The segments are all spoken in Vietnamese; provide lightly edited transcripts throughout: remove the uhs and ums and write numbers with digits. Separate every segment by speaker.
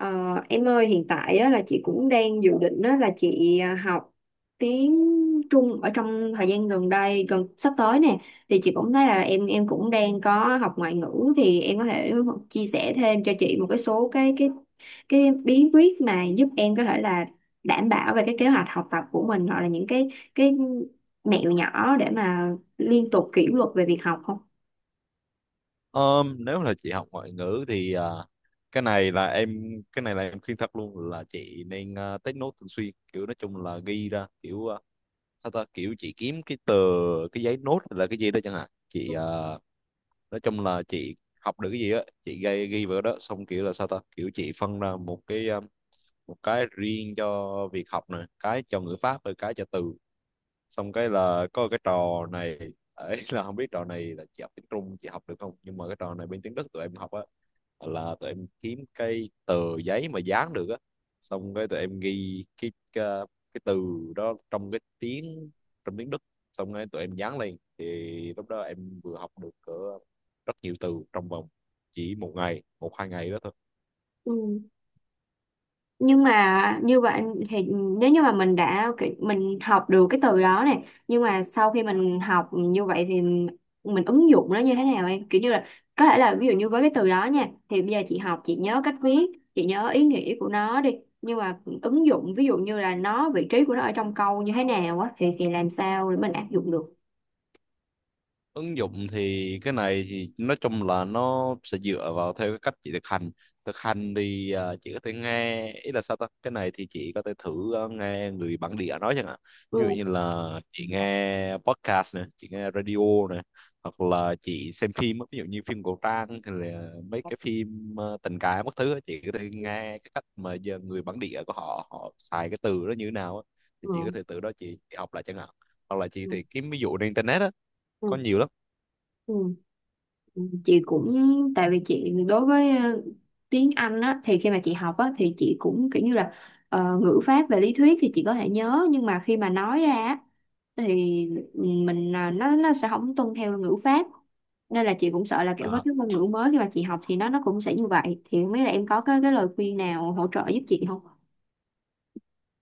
Speaker 1: Ờ, em ơi, hiện tại á, là chị cũng đang dự định á, là chị học tiếng Trung ở trong thời gian gần đây gần sắp tới nè, thì chị cũng thấy là em cũng đang có học ngoại ngữ, thì em có thể chia sẻ thêm cho chị một cái số cái bí quyết mà giúp em có thể là đảm bảo về cái kế hoạch học tập của mình, hoặc là những cái mẹo nhỏ để mà liên tục kỷ luật về việc học không?
Speaker 2: Nếu là chị học ngoại ngữ thì cái này là em khuyên thật luôn là chị nên take note thường xuyên, kiểu nói chung là ghi ra, kiểu sao ta, kiểu chị kiếm cái tờ cái giấy nốt hay là cái gì đó chẳng hạn, chị nói chung là chị học được cái gì á, chị ghi ghi vào đó, xong kiểu là sao ta, kiểu chị phân ra một cái, một cái riêng cho việc học này, cái cho ngữ pháp, rồi cái cho từ, xong cái là có cái trò này ấy, là không biết trò này là chị học tiếng Trung chị học được không, nhưng mà cái trò này bên tiếng Đức tụi em học á, là tụi em kiếm cái tờ giấy mà dán được á, xong cái tụi em ghi cái từ đó trong cái tiếng trong tiếng Đức, xong cái tụi em dán lên, thì lúc đó em vừa học được cỡ rất nhiều từ trong vòng chỉ một ngày, một hai ngày đó thôi.
Speaker 1: Ừ. Nhưng mà như vậy thì nếu như mà mình học được cái từ đó, này nhưng mà sau khi mình học như vậy thì mình ứng dụng nó như thế nào? Em kiểu như là có thể là ví dụ như với cái từ đó nha, thì bây giờ chị học, chị nhớ cách viết, chị nhớ ý nghĩa của nó đi, nhưng mà ứng dụng ví dụ như là nó vị trí của nó ở trong câu như thế nào á, thì làm sao để mình áp dụng được?
Speaker 2: Ứng dụng thì cái này thì nói chung là nó sẽ dựa vào theo cái cách chị thực hành. Thực hành thì chị có thể nghe, ý là sao ta, cái này thì chị có thể thử nghe người bản địa nói chẳng hạn. Ví dụ như
Speaker 1: Ừ.
Speaker 2: là chị nghe podcast này, chị nghe radio này, hoặc là chị xem phim á, ví dụ như phim cổ trang hay là mấy cái phim tình cảm các thứ á, chị có thể
Speaker 1: Ừ.
Speaker 2: nghe cái cách mà giờ người bản địa của họ họ xài cái từ đó như thế nào á. Thì chị có
Speaker 1: Ừ.
Speaker 2: thể từ đó chị học lại chẳng hạn, hoặc là chị thì kiếm ví dụ trên internet á, có
Speaker 1: Ừ.
Speaker 2: nhiều lắm.
Speaker 1: Ừ. Chị cũng, tại vì chị đối với tiếng Anh á, thì khi mà chị học á, thì chị cũng kiểu như là ngữ pháp về lý thuyết thì chị có thể nhớ, nhưng mà khi mà nói ra á, thì mình, nó sẽ không tuân theo ngữ pháp, nên là chị cũng sợ là kiểu với
Speaker 2: À,
Speaker 1: cái ngôn ngữ mới khi mà chị học thì nó cũng sẽ như vậy, thì không biết là em có cái lời khuyên nào hỗ trợ giúp chị không?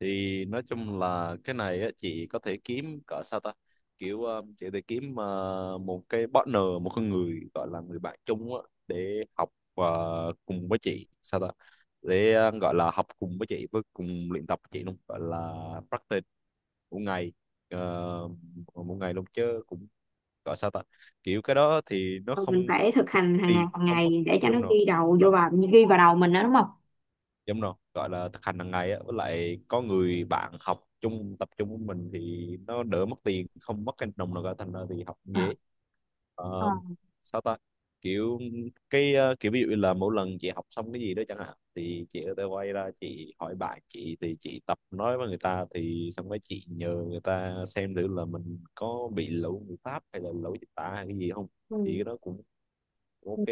Speaker 2: thì nói chung là cái này á, chị có thể kiếm cỡ sao ta, kiểu chị có thể kiếm một cái partner, một con người gọi là người bạn chung á, để học cùng với chị, sao ta, để gọi là học cùng với chị, với cùng luyện tập với chị luôn, gọi là practice một ngày, uh, một ngày luôn chứ, cũng gọi sao ta, kiểu cái đó thì nó
Speaker 1: Ờ,
Speaker 2: không,
Speaker 1: mình phải thực hành
Speaker 2: tiền
Speaker 1: hàng
Speaker 2: không mất.
Speaker 1: ngày để cho nó
Speaker 2: Đúng rồi,
Speaker 1: ghi vào đầu mình đó, đúng không?
Speaker 2: đúng rồi, gọi là thực hành hàng ngày á, với lại có người bạn học chung tập trung với mình thì nó đỡ, mất tiền không mất cái đồng nào cả, thành ra thì học cũng dễ.
Speaker 1: Ờ.
Speaker 2: Ờ, Sao ta, kiểu cái, kiểu ví dụ như là mỗi lần chị học xong cái gì đó chẳng hạn, thì chị có thể quay ra chị hỏi bạn chị, thì chị tập nói với người ta, thì xong rồi chị nhờ người ta xem thử là mình có bị lỗi ngữ pháp hay là lỗi dịch tả hay cái gì không, thì
Speaker 1: Ừ.
Speaker 2: cái đó cũng ok.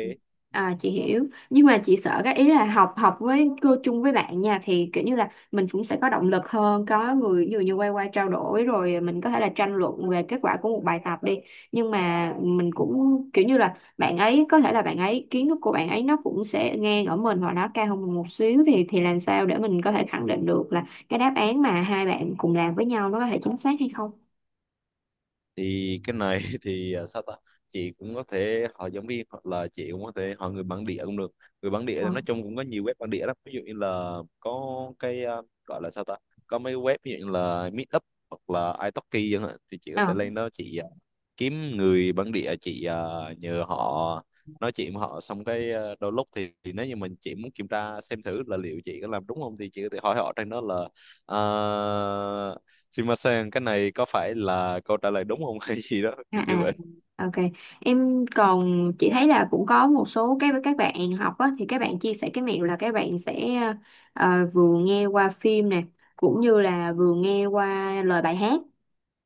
Speaker 1: À, chị hiểu, nhưng mà chị sợ cái ý là học học với cô chung với bạn nha, thì kiểu như là mình cũng sẽ có động lực hơn, có người ví dụ như quay qua trao đổi, rồi mình có thể là tranh luận về kết quả của một bài tập đi, nhưng mà mình cũng kiểu như là bạn ấy có thể là bạn ấy kiến thức của bạn ấy nó cũng sẽ ngang ở mình, hoặc nó cao hơn mình một xíu, thì làm sao để mình có thể khẳng định được là cái đáp án mà hai bạn cùng làm với nhau nó có thể chính xác hay không?
Speaker 2: Thì cái này thì sao ta, chị cũng có thể hỏi giáo viên hoặc là chị cũng có thể hỏi người bản địa cũng được. Người bản địa thì nói chung cũng có nhiều web bản địa lắm, ví dụ như là có cái, gọi là sao ta, có mấy web ví dụ như là Meetup hoặc là italki chẳng hạn, thì chị có
Speaker 1: Ờ.
Speaker 2: thể lên đó chị kiếm người bản địa, chị nhờ họ nói chuyện với họ, xong cái đôi lúc thì nếu như chị muốn kiểm tra xem thử là liệu chị có làm đúng không, thì chị có thể hỏi họ trên đó là uh, Shimasen, cái này có phải là câu trả lời đúng không hay gì đó
Speaker 1: À,
Speaker 2: kiểu kiểu
Speaker 1: à,
Speaker 2: vậy.
Speaker 1: ok. Em còn chị thấy là cũng có một số cái các bạn học á, thì các bạn chia sẻ cái mẹo là các bạn sẽ vừa nghe qua phim nè, cũng như là vừa nghe qua lời bài hát.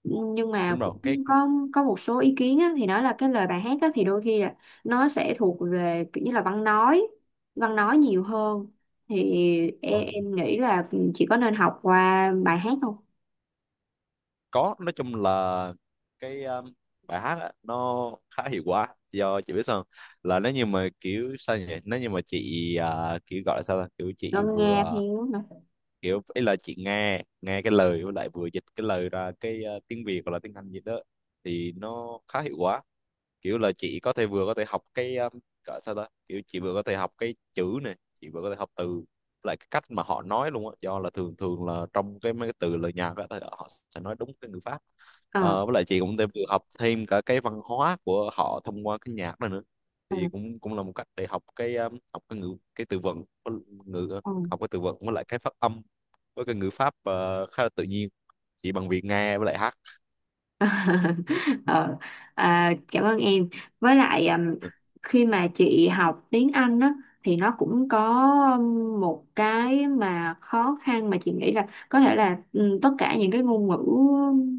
Speaker 1: Nhưng mà
Speaker 2: Đúng rồi,
Speaker 1: cũng
Speaker 2: cái
Speaker 1: có có một số ý kiến á, thì nói là cái lời bài hát á, thì đôi khi là nó sẽ thuộc về kiểu như là văn nói nhiều hơn. Thì em nghĩ là chị có nên học qua bài hát không?
Speaker 2: có, nói chung là cái, bài hát á, nó khá hiệu quả, do chị biết sao không? Là nếu như mà kiểu sao nhỉ, nếu như mà chị kiểu gọi là sao ta? Kiểu chị
Speaker 1: Ngâm nghe
Speaker 2: vừa,
Speaker 1: theo hả?
Speaker 2: kiểu ý là chị nghe nghe cái lời, với lại vừa dịch cái lời ra cái, tiếng Việt hoặc là tiếng Anh gì đó, thì nó khá hiệu quả. Kiểu là chị có thể vừa có thể học cái, gọi sao đó, kiểu chị vừa có thể học cái chữ này, chị vừa có thể học từ lại cái cách mà họ nói luôn á, do là thường thường là trong cái mấy cái từ lời nhạc á thì họ sẽ nói đúng cái ngữ pháp.
Speaker 1: Ờ.
Speaker 2: Với lại chị cũng thêm, vừa học thêm cả cái văn hóa của họ thông qua cái nhạc đó nữa,
Speaker 1: ờ,
Speaker 2: thì cũng cũng là một cách để học cái, học cái ngữ cái từ vựng với ngữ,
Speaker 1: ờ.
Speaker 2: học cái từ vựng với lại cái phát âm với cái ngữ pháp, khá là tự nhiên chỉ bằng việc nghe với lại hát.
Speaker 1: ờ, à, cảm ơn em. Với lại
Speaker 2: Ừ.
Speaker 1: khi mà chị học tiếng Anh á, thì nó cũng có một cái mà khó khăn mà chị nghĩ là có thể là tất cả những cái ngôn ngữ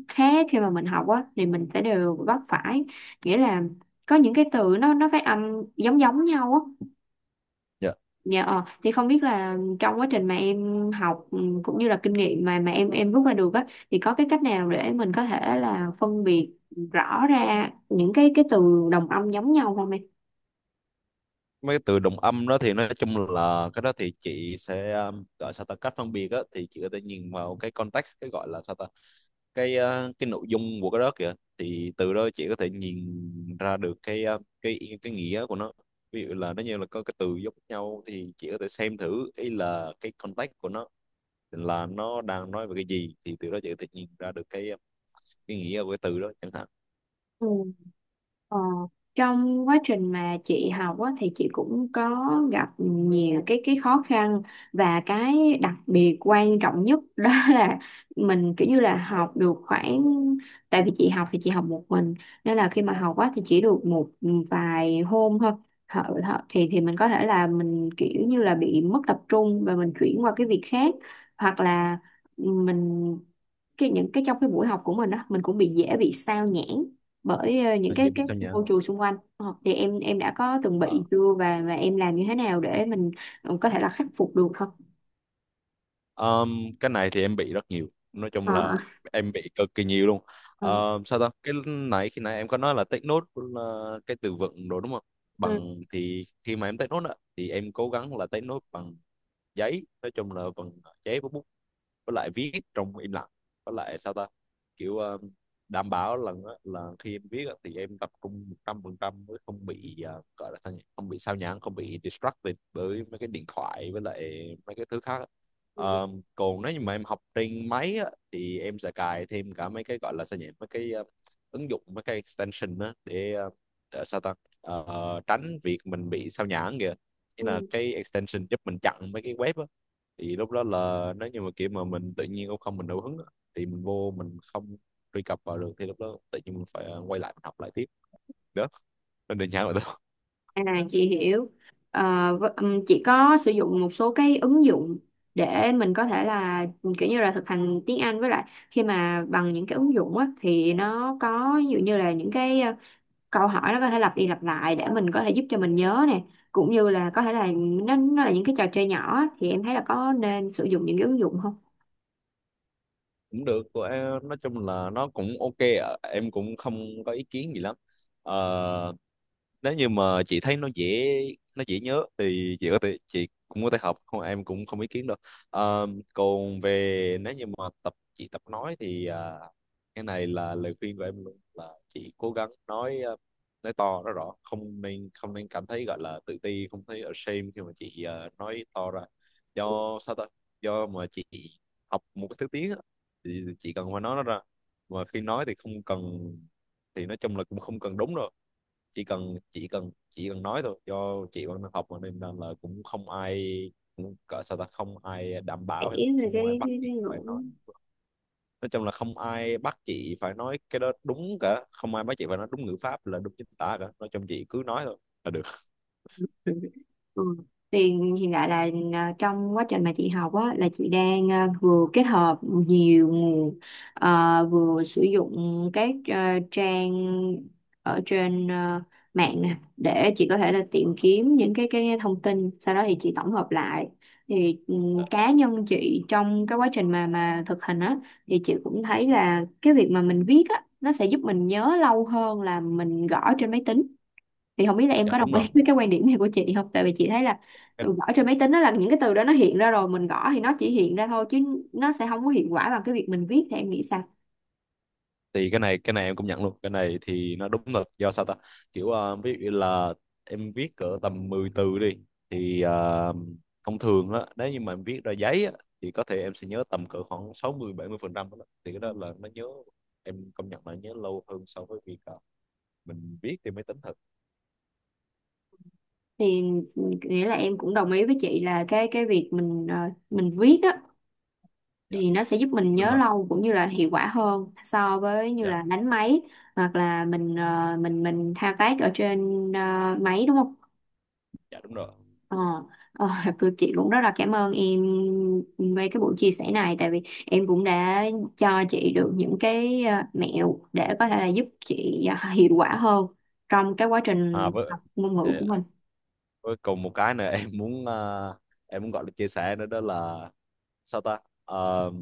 Speaker 1: khác khi mà mình học á thì mình sẽ đều vấp phải, nghĩa là có những cái từ nó phát âm giống giống nhau á.
Speaker 2: Dạ.
Speaker 1: Dạ, thì không biết là trong quá trình mà em học, cũng như là kinh nghiệm mà mà em rút ra được á, thì có cái cách nào để mình có thể là phân biệt rõ ra những cái từ đồng âm giống nhau không
Speaker 2: Mấy cái từ đồng âm đó thì nói chung là cái đó thì chị sẽ, gọi sao ta, cách phân biệt á thì chị có thể nhìn vào cái context, cái gọi là sao ta, cái, cái nội dung của cái đó kìa, thì từ đó chị có thể nhìn ra được cái, cái nghĩa của nó. Ví dụ là nó như là có cái từ giống nhau, thì chị có thể xem thử ý là cái context của nó là nó đang nói về cái gì, thì từ đó chị có thể nhìn ra được cái nghĩa của cái từ đó chẳng hạn.
Speaker 1: em? Ờ, trong quá trình mà chị học á, thì chị cũng có gặp nhiều cái khó khăn, và cái đặc biệt quan trọng nhất đó là mình kiểu như là học được khoảng, tại vì chị học thì chị học một mình, nên là khi mà học á, thì chỉ được một vài hôm thôi. Thì mình có thể là mình kiểu như là bị mất tập trung và mình chuyển qua cái việc khác, hoặc là mình, cái những cái trong cái buổi học của mình á, mình cũng bị dễ bị sao nhãng bởi những
Speaker 2: Là dễ
Speaker 1: cái
Speaker 2: bị sao nhá.
Speaker 1: môi trường xung quanh. Ờ, thì em đã có từng bị chưa và em làm như thế nào để mình có thể là khắc phục được không?
Speaker 2: Cái này thì em bị rất nhiều, nói chung
Speaker 1: Ờ,
Speaker 2: là em bị cực kỳ nhiều luôn.
Speaker 1: ờ,
Speaker 2: Sao ta, cái nãy khi nãy em có nói là take note là cái từ vựng đồ đúng không,
Speaker 1: ừ,
Speaker 2: bằng thì khi mà em take note á, thì em cố gắng là take note bằng giấy, nói chung là bằng giấy và bút, với lại viết trong im lặng, với lại sao ta, kiểu đảm bảo lần là khi em viết á, thì em tập trung 100% mới không bị, gọi là sao nhỉ, không bị sao nhãng, không bị distracted bởi mấy cái điện thoại với lại mấy cái thứ khác á.
Speaker 1: ừ,
Speaker 2: Ờ, Còn nếu như mà em học trên máy á, thì em sẽ cài thêm cả mấy cái gọi là sao nhỉ, mấy cái, ứng dụng mấy cái extension á, để để sao ta, tránh việc mình bị sao nhãng kìa, nghĩa là
Speaker 1: ừ.
Speaker 2: cái extension giúp mình chặn mấy cái web, thì lúc đó là nếu như mà kiểu mà mình tự nhiên cũng không, mình đủ hứng á, thì mình vô mình không truy cập vào được, thì lúc đó tự nhiên mình phải quay lại mình học lại tiếp đó, nên đơn giản là thôi.
Speaker 1: À, chị hiểu. Ờ, chị có sử dụng một số cái ứng dụng để mình có thể là kiểu như là thực hành tiếng Anh, với lại khi mà bằng những cái ứng dụng á, thì nó có ví dụ như là những cái câu hỏi nó có thể lặp đi lặp lại để mình có thể giúp cho mình nhớ nè, cũng như là có thể là nó là những cái trò chơi nhỏ á, thì em thấy là có nên sử dụng những cái ứng dụng không
Speaker 2: Cũng được của em, nói chung là nó cũng ok ạ. Em cũng không có ý kiến gì lắm. Ờ, nếu như mà chị thấy nó dễ, nhớ thì chị có thể, chị cũng có thể học không, em cũng không ý kiến đâu. Ờ, Còn về nếu như mà chị tập nói thì cái này là lời khuyên của em luôn, là chị cố gắng nói, nói to nói rõ, không nên cảm thấy gọi là tự ti, không thấy ashamed khi mà chị nói to ra, do sao ta, do mà chị học một cái thứ tiếng á, thì chị cần phải nói nó ra, mà khi nói thì không cần, thì nói chung là cũng không cần đúng đâu, chỉ cần nói thôi, do chị vẫn đang học mà, nên là cũng không ai, cũng cỡ sao ta, không ai đảm
Speaker 1: để
Speaker 2: bảo hay là
Speaker 1: về cái
Speaker 2: không ai bắt chị
Speaker 1: cái,
Speaker 2: phải nói chung là không ai bắt chị phải nói cái đó đúng cả, không ai bắt chị phải nói đúng ngữ pháp là đúng chính tả cả, nói chung chị cứ nói thôi là được.
Speaker 1: Ừ. Ừ. Thì hiện tại là trong quá trình mà chị học á, là chị đang vừa kết hợp nhiều nguồn, vừa sử dụng các trang ở trên mạng nè để chị có thể là tìm kiếm những cái thông tin, sau đó thì chị tổng hợp lại. Thì
Speaker 2: Ờ,
Speaker 1: cá nhân chị trong cái quá trình mà thực hành á, thì chị cũng thấy là cái việc mà mình viết á nó sẽ giúp mình nhớ lâu hơn là mình gõ trên máy tính, thì không biết là em
Speaker 2: dạ
Speaker 1: có
Speaker 2: đúng
Speaker 1: đồng ý
Speaker 2: rồi,
Speaker 1: với cái quan điểm này của chị không, tại vì chị thấy là
Speaker 2: cái
Speaker 1: gõ trên máy tính đó là những cái từ đó nó hiện ra, rồi mình gõ thì nó chỉ hiện ra thôi, chứ nó sẽ không có hiệu quả bằng cái việc mình viết, thì em nghĩ sao?
Speaker 2: thì cái này, em cũng nhận luôn, cái này thì nó đúng thật, do sao ta, kiểu ví dụ như là em viết cỡ tầm 10 từ đi, thì thông thường á, nếu như mà em viết ra giấy á, thì có thể em sẽ nhớ tầm cỡ khoảng 60-70% đó, thì cái đó là nó nhớ, em công nhận là nhớ lâu hơn so với việc mình viết trên máy tính thật.
Speaker 1: Thì nghĩa là em cũng đồng ý với chị là cái việc mình mình viết á,
Speaker 2: Dạ
Speaker 1: thì nó sẽ giúp mình
Speaker 2: đúng
Speaker 1: nhớ
Speaker 2: rồi.
Speaker 1: lâu cũng như là hiệu quả hơn so với như
Speaker 2: Dạ,
Speaker 1: là đánh máy, hoặc là mình mình thao tác ở trên máy, đúng không?
Speaker 2: dạ đúng rồi.
Speaker 1: Ờ, ờ, chị cũng rất là cảm ơn em về cái buổi chia sẻ này, tại vì em cũng đã cho chị được những cái mẹo để có thể là giúp chị hiệu quả hơn trong cái quá
Speaker 2: À,
Speaker 1: trình
Speaker 2: với,
Speaker 1: học ngôn ngữ
Speaker 2: dạ, dạ.
Speaker 1: của mình.
Speaker 2: Với cùng một cái nữa em muốn gọi là chia sẻ nữa, đó là sao ta. Ờ,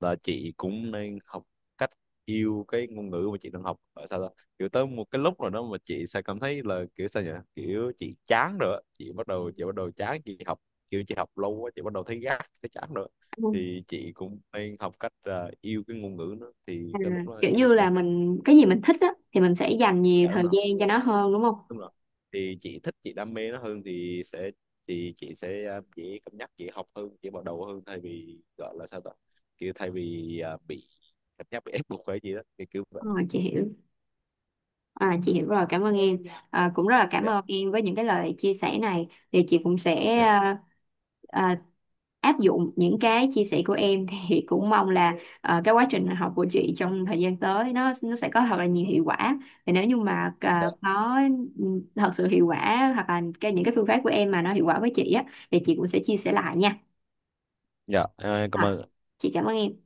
Speaker 2: là chị cũng nên học cách yêu cái ngôn ngữ mà chị đang học. Ờ, Sao ta, kiểu tới một cái lúc rồi đó mà chị sẽ cảm thấy là kiểu sao nhỉ, kiểu chị chán rồi á. Chị bắt đầu chán chị học, kiểu chị học lâu quá, chị bắt đầu thấy gắt thấy chán rồi á.
Speaker 1: Ừ.
Speaker 2: Thì chị cũng nên học cách, yêu cái ngôn ngữ đó, thì
Speaker 1: À,
Speaker 2: cái lúc đó
Speaker 1: kiểu
Speaker 2: chị
Speaker 1: như
Speaker 2: sẽ
Speaker 1: là mình cái gì mình thích á thì mình sẽ dành nhiều
Speaker 2: cảm.
Speaker 1: thời gian cho nó hơn, đúng không?
Speaker 2: Đúng rồi, thì chị thích chị đam mê nó hơn thì sẽ, thì chị sẽ dễ cân nhắc, dễ học hơn, dễ bắt đầu hơn thay vì gọi là sao ta, kiểu thay vì bị cảm giác bị ép buộc hay gì đó thì kiểu vậy.
Speaker 1: Ờ, chị hiểu. À, chị hiểu rồi, cảm ơn em. À, cũng rất là cảm
Speaker 2: Dạ,
Speaker 1: ơn em với những cái lời chia sẻ này. Thì chị cũng sẽ
Speaker 2: dạ,
Speaker 1: à, áp dụng những cái chia sẻ của em thì cũng mong là cái quá trình học của chị trong thời gian tới nó sẽ có thật là nhiều hiệu quả. Thì nếu như mà
Speaker 2: dạ,
Speaker 1: có ừ, thật sự hiệu quả, hoặc là cái những cái phương pháp của em mà nó hiệu quả với chị á, thì chị cũng sẽ chia sẻ lại nha.
Speaker 2: dạ. Ờ, cảm
Speaker 1: À,
Speaker 2: ơn.
Speaker 1: chị cảm ơn em.